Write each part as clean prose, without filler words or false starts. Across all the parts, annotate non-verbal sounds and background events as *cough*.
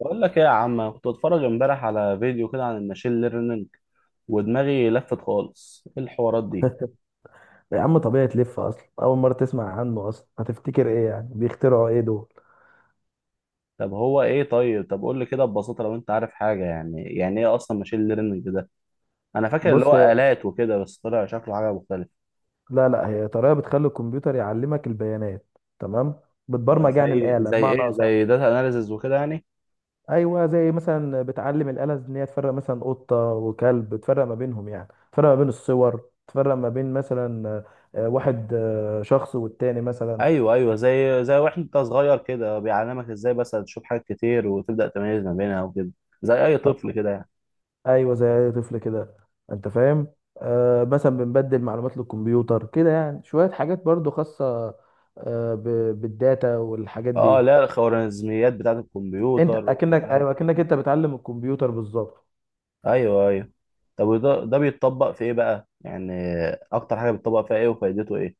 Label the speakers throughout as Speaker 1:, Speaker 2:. Speaker 1: بقول لك ايه يا عم. أنا كنت بتفرج امبارح على فيديو كده عن الماشين ليرنينج ودماغي لفت خالص ايه الحوارات دي.
Speaker 2: يا عم، طبيعي تلف. اصلا اول مره تسمع عنه، اصلا هتفتكر ايه يعني بيخترعوا ايه دول؟
Speaker 1: طب هو ايه طب قول لي كده ببساطة لو انت عارف حاجة، يعني ايه اصلا ماشين ليرنينج ده. انا فاكر اللي
Speaker 2: بص،
Speaker 1: هو
Speaker 2: هي
Speaker 1: آلات وكده بس طلع شكله حاجة مختلفة.
Speaker 2: لا لا هي طريقه بتخلي الكمبيوتر يعلمك البيانات. تمام.
Speaker 1: ده
Speaker 2: بتبرمج يعني
Speaker 1: زي
Speaker 2: الاله
Speaker 1: زي
Speaker 2: بمعنى
Speaker 1: ايه،
Speaker 2: اصح.
Speaker 1: زي داتا اناليسز وكده يعني.
Speaker 2: ايوه، زي مثلا بتعلم الاله ان هي تفرق مثلا قطه وكلب، تفرق ما بينهم، يعني تفرق ما بين الصور، تفرق ما بين مثلا واحد، شخص والتاني مثلا.
Speaker 1: ايوه ايوه، زي واحد انت صغير كده بيعلمك ازاي بس تشوف حاجات كتير وتبدأ تميز ما بينها وكده. زي اي طفل كده يعني.
Speaker 2: ايوه زي اي طفل كده. انت فاهم؟ آه، مثلا بنبدل معلومات للكمبيوتر كده، يعني شويه حاجات برضو خاصه. آه، بالداتا والحاجات
Speaker 1: اه
Speaker 2: دي.
Speaker 1: لا، الخوارزميات بتاعت
Speaker 2: انت
Speaker 1: الكمبيوتر
Speaker 2: اكنك،
Speaker 1: ومش عارف
Speaker 2: ايوه
Speaker 1: ايه.
Speaker 2: اكنك انت بتعلم الكمبيوتر بالظبط.
Speaker 1: ايوه ايوه. طب وده بيتطبق في ايه بقى يعني، اكتر حاجه بيتطبق فيها ايه وفايدته ايه؟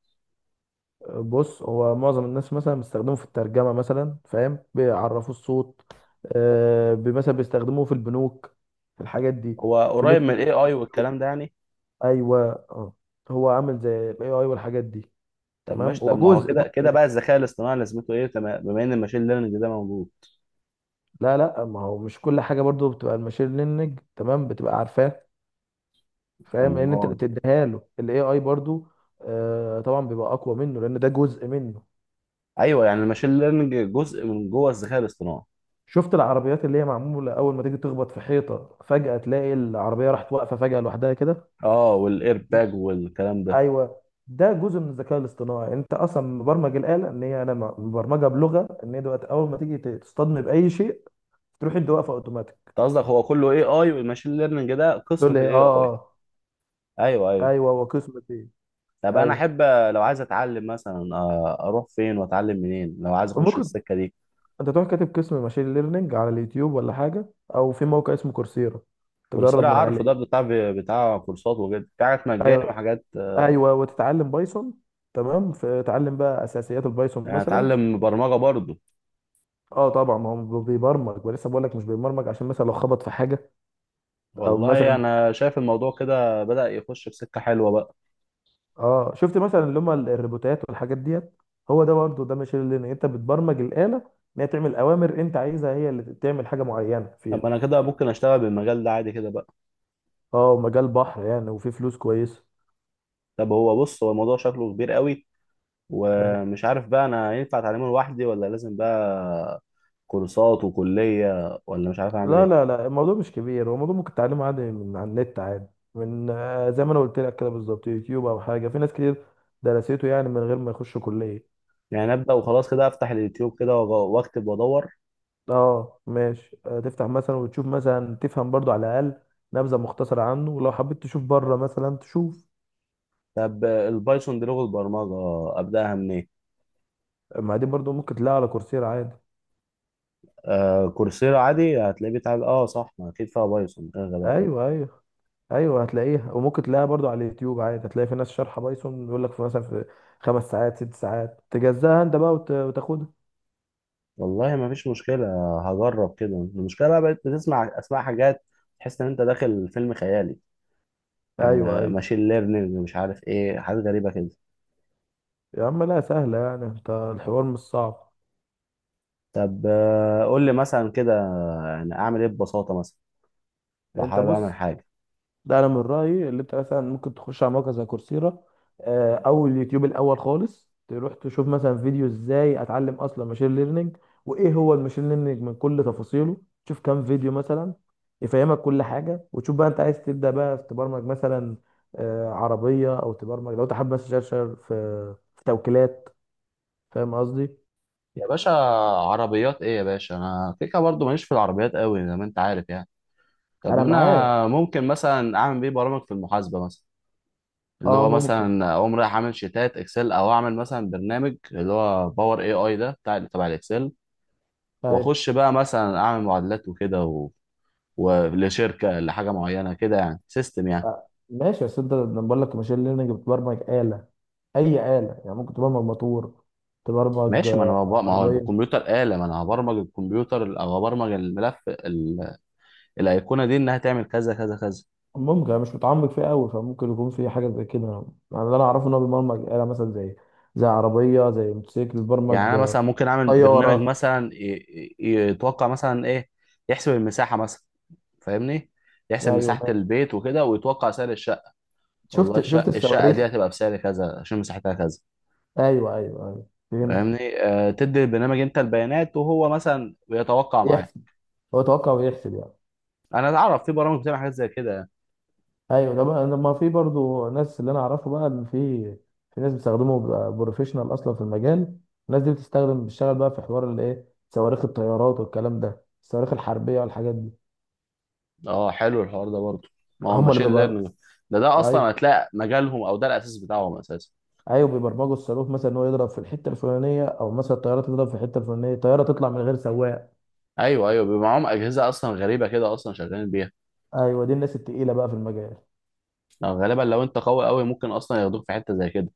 Speaker 2: بص، هو معظم الناس مثلا بيستخدموه في الترجمه مثلا، فاهم، بيعرفوا الصوت. آه، مثلا بيستخدموه في البنوك، في الحاجات دي،
Speaker 1: هو
Speaker 2: في
Speaker 1: قريب من
Speaker 2: نتفليكس
Speaker 1: الاي اي
Speaker 2: واليوتيوب.
Speaker 1: والكلام ده يعني.
Speaker 2: ايوه. اه. هو عامل زي الاي اي والحاجات دي.
Speaker 1: طب
Speaker 2: تمام،
Speaker 1: ماشي،
Speaker 2: هو
Speaker 1: طب ما هو
Speaker 2: جزء.
Speaker 1: كده كده بقى الذكاء الاصطناعي لازمته ايه بما ان الماشين ليرنينج ده موجود.
Speaker 2: لا لا، ما هو مش كل حاجه برضو بتبقى الماشين ليرنينج. تمام، بتبقى عارفاه. فاهم، لان انت اللي
Speaker 1: أمال.
Speaker 2: بتديها له الاي اي برضو. آه طبعا، بيبقى اقوى منه لان ده جزء منه.
Speaker 1: ايوه يعني الماشين ليرنينج جزء من جوه الذكاء الاصطناعي.
Speaker 2: شفت العربيات اللي هي معموله؟ اول ما تيجي تخبط في حيطه فجاه تلاقي العربيه راحت واقفه فجاه لوحدها كده.
Speaker 1: اه والاير باج والكلام ده.
Speaker 2: ايوه، ده جزء من الذكاء الاصطناعي. انت اصلا مبرمج الاله ان هي، انا مبرمجه بلغه ان هي دلوقتي اول ما تيجي تصطدم باي شيء تروح انت واقفه اوتوماتيك.
Speaker 1: انت قصدك هو كله اي اي والماشين ليرنينج ده
Speaker 2: تقول
Speaker 1: قسم
Speaker 2: لي
Speaker 1: في
Speaker 2: إيه؟
Speaker 1: الاي اي؟
Speaker 2: اه اه.
Speaker 1: ايوه ايوه.
Speaker 2: ايوه وقسمة ايه.
Speaker 1: طب انا
Speaker 2: ايوه
Speaker 1: احب لو عايز اتعلم مثلا، اروح فين واتعلم منين لو عايز اخش
Speaker 2: ممكن.
Speaker 1: السكه دي؟
Speaker 2: انت تروح كاتب قسم ماشين ليرنينج على اليوتيوب ولا حاجه، او في موقع اسمه كورسيرا تجرب
Speaker 1: كورسيرا
Speaker 2: من
Speaker 1: عارفه، ده
Speaker 2: عليه.
Speaker 1: بتاع كورسات وكده، في حاجات مجاني
Speaker 2: ايوه
Speaker 1: وحاجات
Speaker 2: ايوه، وتتعلم بايثون. تمام، فتعلم بقى اساسيات البايثون
Speaker 1: يعني
Speaker 2: مثلا.
Speaker 1: اتعلم برمجة برضه؟
Speaker 2: اه طبعا، ما هو بيبرمج. ولسه بقول لك مش بيبرمج عشان مثلا لو خبط في حاجه، او
Speaker 1: والله
Speaker 2: مثلا.
Speaker 1: انا شايف الموضوع كده بدأ يخش في سكة حلوة بقى.
Speaker 2: اه شفت مثلا اللي هم الروبوتات والحاجات ديت، هو ده برضه، ده ماشين ليرنينج. انت بتبرمج الاله ان هي تعمل اوامر انت عايزها، هي اللي تعمل حاجه معينه فيها.
Speaker 1: طب انا كده ممكن اشتغل بالمجال ده عادي كده بقى؟
Speaker 2: اه مجال بحر يعني، وفي فلوس كويسه.
Speaker 1: طب هو بص، هو الموضوع شكله كبير قوي
Speaker 2: أيوة.
Speaker 1: ومش عارف بقى انا ينفع اتعلمه لوحدي ولا لازم بقى كورسات وكلية ولا مش عارف اعمل
Speaker 2: لا لا
Speaker 1: ايه.
Speaker 2: لا، الموضوع مش كبير. هو الموضوع ممكن تعلمه عادي من على النت عادي، من زي ما انا قلت لك كده بالظبط، يوتيوب او حاجه. في ناس كتير درسته يعني من غير ما يخشوا كليه.
Speaker 1: يعني ابدأ وخلاص كده، افتح اليوتيوب كده واكتب وادور؟
Speaker 2: اه ماشي، تفتح مثلا وتشوف مثلا، تفهم برضو على الاقل نبذه مختصره عنه، ولو حبيت تشوف بره مثلا تشوف.
Speaker 1: طب البايثون دي لغة برمجة ابدأها منين؟
Speaker 2: ما دي برضو ممكن تلاقيها على كورسيرا عادي.
Speaker 1: كورسيرا عادي هتلاقيه بيتعاد، اه صح، ما اكيد فيها بايثون، ايه الغباء ده.
Speaker 2: ايوه ايوه ايوه هتلاقيها، وممكن تلاقيها برضو على اليوتيوب عادي. هتلاقي في ناس شارحه بايثون، بيقول لك في مثلا في خمس ساعات، ست ساعات، تجزاها انت بقى وتاخدها.
Speaker 1: والله ما فيش مشكله. هجرب كده. المشكله بقى بقيت بتسمع اسماء حاجات تحس ان انت داخل فيلم خيالي،
Speaker 2: ايوه
Speaker 1: يعني
Speaker 2: ايوه.
Speaker 1: ماشين ليرنينج، مش عارف ايه، حاجات غريبه كده.
Speaker 2: يا عم لا سهلة يعني، انت الحوار مش صعب.
Speaker 1: طب قول لي مثلا كده، يعني اعمل ايه ببساطه مثلا لو
Speaker 2: انت
Speaker 1: حابب اعمل
Speaker 2: بص،
Speaker 1: حاجه.
Speaker 2: ده انا من رأيي، اللي انت مثلا ممكن تخش على موقع زي كورسيرا، او اليوتيوب الاول خالص، تروح تشوف مثلا فيديو ازاي اتعلم اصلا ماشين ليرنينج وايه هو الماشين ليرنينج من كل تفاصيله. تشوف كام فيديو مثلا يفهمك كل حاجة، وتشوف بقى انت عايز تبدأ بقى في تبرمج مثلا عربية، او تبرمج لو انت حابب مثلا تشتغل في في توكيلات. فاهم قصدي؟
Speaker 1: يا باشا، عربيات ايه يا باشا، انا كيكه برضو ماليش في العربيات قوي زي ما انت عارف يعني. طب
Speaker 2: انا
Speaker 1: ما
Speaker 2: معاك.
Speaker 1: انا ممكن مثلا اعمل بيه برامج في المحاسبه مثلا، اللي
Speaker 2: اه
Speaker 1: هو
Speaker 2: ممكن.
Speaker 1: مثلا اقوم رايح اعمل شيتات اكسل، او اعمل مثلا برنامج اللي هو باور اي اي ده بتاع تبع الاكسل.
Speaker 2: أيوة.
Speaker 1: واخش بقى مثلا اعمل معادلات وكده ولشركه لحاجه معينه كده يعني، سيستم يعني.
Speaker 2: ماشي. بس انت لما بقول لك ماشين ليرنينج، بتبرمج آلة، أي آلة، يعني ممكن تبرمج موتور، تبرمج
Speaker 1: ماشي، ما انا ببقى، ما هو
Speaker 2: عربية.
Speaker 1: الكمبيوتر آلة، ما انا هبرمج الكمبيوتر او هبرمج الملف الايقونه دي انها تعمل كذا كذا كذا.
Speaker 2: ممكن، أنا مش متعمق فيه قوي، فممكن يكون في حاجة زي كده. يعني اللي أنا أعرفه إن هو بيبرمج آلة، مثلا زي عربية، زي موتوسيكل، بيبرمج
Speaker 1: يعني انا مثلا ممكن اعمل برنامج
Speaker 2: طيارة.
Speaker 1: مثلا يتوقع مثلا ايه، يحسب المساحه مثلا، فاهمني، يحسب
Speaker 2: أيوه
Speaker 1: مساحه
Speaker 2: ماشي.
Speaker 1: البيت وكده ويتوقع سعر الشقه. والله
Speaker 2: شفت،
Speaker 1: الشقة
Speaker 2: الصواريخ.
Speaker 1: دي هتبقى بسعر كذا عشان مساحتها كذا،
Speaker 2: أيوه أيوه أيوه فهمت.
Speaker 1: فاهمني؟ تدي البرنامج انت البيانات وهو مثلا بيتوقع معاه.
Speaker 2: يحسب، هو توقع ويحسب يعني.
Speaker 1: انا اعرف في برامج بتعمل حاجات زي كده يعني.
Speaker 2: ايوه ده بقى، لما في برضو ناس، اللي انا اعرفه بقى اللي في، في ناس بيستخدموا، بيبقى بروفيشنال اصلا في المجال. الناس دي بتستخدم، بتشتغل بقى في حوار، اللي ايه، صواريخ الطيارات والكلام ده، الصواريخ الحربيه والحاجات دي.
Speaker 1: اه حلو الحوار ده برضه، ما هو
Speaker 2: هم اللي
Speaker 1: ماشين
Speaker 2: بيبقى.
Speaker 1: ليرنينج ده اصلا
Speaker 2: ايوه
Speaker 1: هتلاقي مجالهم او ده الاساس بتاعهم اساسا.
Speaker 2: ايوه. بيبرمجوا الصاروخ مثلا ان هو يضرب في الحته الفلانيه، او مثلا الطياره تضرب في الحته الفلانيه، الطياره تطلع من غير سواق.
Speaker 1: ايوه ايوه، بيبقى معاهم اجهزه اصلا غريبه كده، اصلا شغالين بيها.
Speaker 2: ايوه، دي الناس التقيله بقى في المجال.
Speaker 1: لو غالبا لو انت قوي قوي ممكن اصلا ياخدوك في حته زي كده.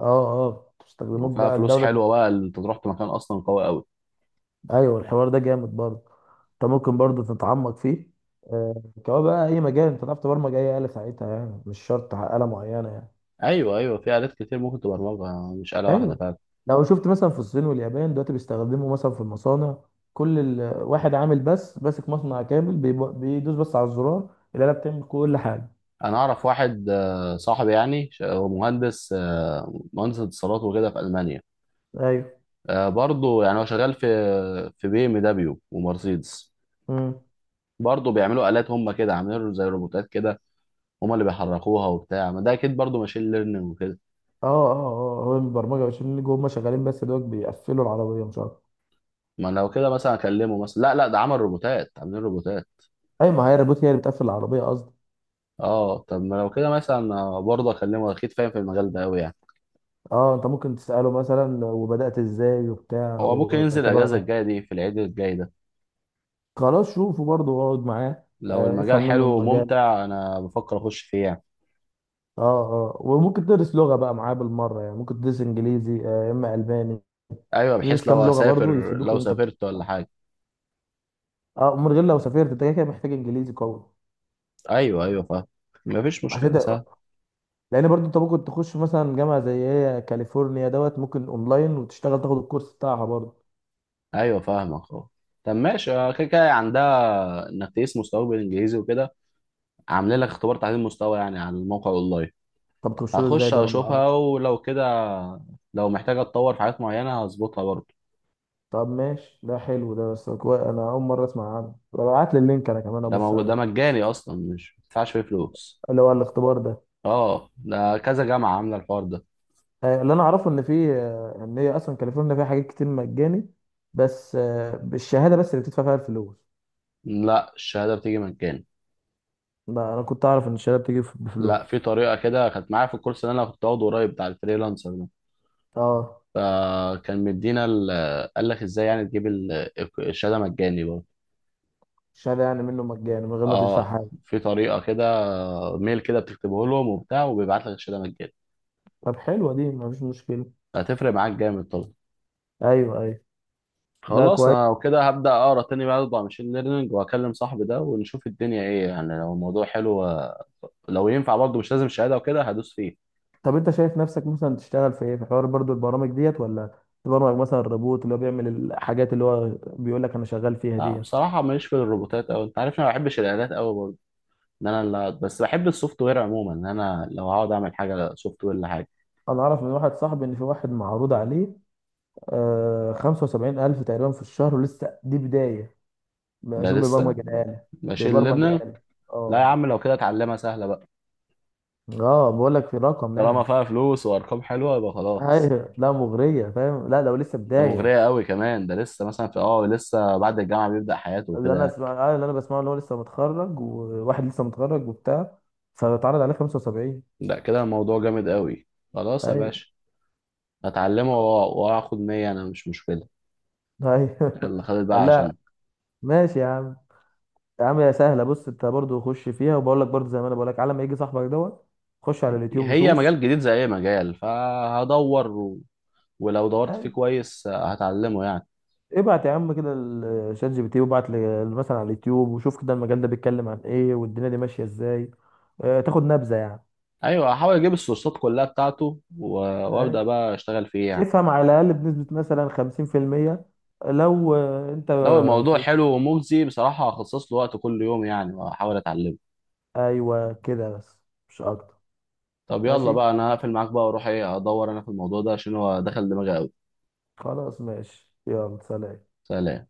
Speaker 2: اه اه. بتستخدموك
Speaker 1: وفيها
Speaker 2: بقى
Speaker 1: فلوس
Speaker 2: الدوله.
Speaker 1: حلوه بقى، اللي انت تروح في مكان اصلا قوي قوي.
Speaker 2: ايوه الحوار ده جامد برضه، انت ممكن برضو تتعمق فيه كمان بقى. اي مجال، انت تعرف تبرمج اي آلة ساعتها، يعني مش شرط آلة معينة يعني.
Speaker 1: ايوه ايوه، في الات كتير ممكن تبرمجها مش آلة واحده
Speaker 2: ايوه،
Speaker 1: فعلا.
Speaker 2: لو شفت مثلا في الصين واليابان دلوقتي بيستخدموا مثلا في المصانع، كل واحد عامل، بس ماسك مصنع كامل، بيدوس بس على الزرار، الآلة بتعمل كل حاجة.
Speaker 1: انا اعرف واحد صاحبي يعني، هو مهندس مهندس اتصالات وكده في المانيا.
Speaker 2: ايوه.
Speaker 1: برضه يعني هو شغال في بي ام دبليو ومرسيدس.
Speaker 2: امم.
Speaker 1: برضه بيعملوا آلات، هم كده عاملين له زي روبوتات كده، هم اللي بيحركوها وبتاع، ما ده اكيد برضه ماشين ليرنينج وكده.
Speaker 2: اه اه اه هو البرمجة، عشان اللي جوه هم شغالين بس دوت بيقفلوا العربية مش عارف.
Speaker 1: ما لو كده مثلا اكلمه، مثلا لا لا، ده عمل روبوتات، عاملين روبوتات.
Speaker 2: ايوه، ما هي الروبوت هي اللي بتقفل العربية قصدي.
Speaker 1: اه طب ما لو كده مثلا برضه اكلمه اكيد، فاهم في المجال ده قوي يعني.
Speaker 2: اه، انت ممكن تسأله مثلا وبدأت ازاي وبتاع،
Speaker 1: هو ممكن ينزل الاجازه
Speaker 2: وطبعا.
Speaker 1: الجايه دي في العيد الجاي ده.
Speaker 2: خلاص شوفه برضه واقعد معاه،
Speaker 1: لو
Speaker 2: افهم
Speaker 1: المجال حلو
Speaker 2: منه المجال.
Speaker 1: وممتع انا بفكر اخش فيه يعني.
Speaker 2: اه اه. وممكن تدرس لغة بقى معاه بالمرة، يعني ممكن تدرس انجليزي، يا اما الماني.
Speaker 1: ايوه،
Speaker 2: تدرس
Speaker 1: بحيث
Speaker 2: كام لغة برضه يفيدوك،
Speaker 1: لو سافرت ولا حاجه.
Speaker 2: اه، من غير لو سافرت انت كده كده محتاج انجليزي قوي.
Speaker 1: ايوه ايوه فاهم. مفيش
Speaker 2: عشان
Speaker 1: مشكله،
Speaker 2: ت...
Speaker 1: سهل.
Speaker 2: لان برضه انت ممكن تخش مثلا جامعة زي هي كاليفورنيا دوت، ممكن اونلاين وتشتغل تاخد الكورس بتاعها برضه.
Speaker 1: ايوه فاهمك اهو. طب ماشي، كده كده عندها انك تقيس مستواك بالانجليزي وكده، عامله لك اختبار تعديل مستوى يعني على الموقع اونلاين.
Speaker 2: طب تخش له ازاي
Speaker 1: هخش
Speaker 2: ده، انا ما
Speaker 1: اشوفها،
Speaker 2: اعرفش.
Speaker 1: ولو كده لو محتاجه اتطور في حاجات معينه هظبطها برضه.
Speaker 2: طب ماشي، ده حلو ده، انا اول مرة اسمع عنه. ابعت لي اللينك، انا كمان ابص
Speaker 1: ده
Speaker 2: عليه.
Speaker 1: مجاني اصلا، مش بتدفعش فيه فلوس.
Speaker 2: اللي هو الاختبار ده.
Speaker 1: اه ده كذا جامعه عامله الحوار ده.
Speaker 2: اللي انا اعرفه ان في، ان هي اصلا كاليفورنيا فيها حاجات كتير مجاني، بس بالشهاده بس اللي بتدفع فيها الفلوس.
Speaker 1: لا الشهاده بتيجي مجاني.
Speaker 2: لا، انا كنت اعرف ان الشهاده بتيجي
Speaker 1: لا، في
Speaker 2: بفلوس.
Speaker 1: طريقه كده كانت معايا في الكورس اللي انا كنت واخده قريب بتاع الفريلانسر،
Speaker 2: اه.
Speaker 1: فكان مدينا قال لك ازاي يعني تجيب الشهاده مجاني برضه.
Speaker 2: الشهاده يعني منه مجاني من غير ما تدفع
Speaker 1: اه
Speaker 2: حاجه.
Speaker 1: في طريقه كده، ميل كده بتكتبه لهم وبتاع وبيبعت لك الشهاده مجاني.
Speaker 2: طب حلوه دي، مفيش مشكله.
Speaker 1: هتفرق معاك جامد طبعا.
Speaker 2: ايوه ايوه. لا
Speaker 1: خلاص
Speaker 2: كويس.
Speaker 1: انا وكده هبدا اقرا تاني بقى على ماشين ليرنينج، واكلم صاحبي ده ونشوف الدنيا ايه يعني، لو الموضوع حلو لو ينفع برضه مش لازم شهاده وكده، هدوس فيه.
Speaker 2: طب انت شايف نفسك مثلا تشتغل في ايه؟ في حوار برضو البرامج ديت، ولا تبرمج مثلا الروبوت اللي هو بيعمل الحاجات اللي هو بيقول لك انا شغال فيها
Speaker 1: لا
Speaker 2: ديت.
Speaker 1: بصراحه ماليش في الروبوتات قوي، انت عارف انا ما بحبش الالات قوي برضه، ان انا بس بحب السوفت وير عموما، ان انا لو هقعد اعمل حاجه سوفت وير.
Speaker 2: انا اعرف من واحد صاحبي ان في واحد معروض عليه آه 75 الف تقريبا في الشهر، ولسه دي بدايه،
Speaker 1: ده
Speaker 2: عشان
Speaker 1: لسه،
Speaker 2: بيبرمج الآلة.
Speaker 1: ماشي
Speaker 2: بيبرمج
Speaker 1: لبنان.
Speaker 2: آلة.
Speaker 1: لا يا
Speaker 2: اه
Speaker 1: عم، لو كده اتعلمها، سهله بقى.
Speaker 2: اه بقول لك في رقم
Speaker 1: طالما
Speaker 2: يعني.
Speaker 1: فيها فلوس وارقام حلوه يبقى خلاص.
Speaker 2: ايوه لا مغرية، فاهم، لا لو لسه
Speaker 1: ده
Speaker 2: بداية.
Speaker 1: مغريه قوي كمان، ده لسه مثلا في لسه بعد الجامعه بيبدا حياته
Speaker 2: اللي انا
Speaker 1: وكده.
Speaker 2: اسمع، اللي انا بسمعه اللي هو لسه متخرج، وواحد لسه متخرج وبتاع، فاتعرض عليه 75.
Speaker 1: لا كده الموضوع جامد قوي. خلاص يا
Speaker 2: ايوه
Speaker 1: باشا، هتعلمه واخد 100، انا مش مشكله.
Speaker 2: ايوه
Speaker 1: يلا خدت
Speaker 2: *laughs*
Speaker 1: بقى
Speaker 2: قال لا.
Speaker 1: عشان
Speaker 2: ماشي يا عم. يا عم يا سهلة، بص انت برضو خش فيها، وبقول لك برضو زي ما انا بقول لك، على ما يجي صاحبك دوت خش على اليوتيوب
Speaker 1: هي
Speaker 2: وشوف.
Speaker 1: مجال جديد زي اي مجال، فهدور ولو دورت فيه كويس هتعلمه يعني.
Speaker 2: ابعت يا عم كده الشات جي بي تي، وابعت مثلا على اليوتيوب وشوف كده المجال ده بيتكلم عن ايه والدنيا دي ماشيه ازاي، تاخد نبذه يعني.
Speaker 1: ايوه هحاول اجيب السورسات كلها بتاعته
Speaker 2: آه،
Speaker 1: وابدا بقى اشتغل فيه يعني.
Speaker 2: افهم على الاقل بنسبه مثلا 50%، لو انت
Speaker 1: لو الموضوع
Speaker 2: في.
Speaker 1: حلو ومجزي بصراحة هخصص له وقت كل يوم يعني، وأحاول أتعلمه.
Speaker 2: ايوه كده بس، مش اكتر.
Speaker 1: طب يلا
Speaker 2: ماشي.
Speaker 1: بقى، أنا هقفل معاك بقى وأروح إيه، أدور أنا في الموضوع ده عشان هو دخل دماغي أوي.
Speaker 2: خلاص ماشي يلا سلام.
Speaker 1: سلام.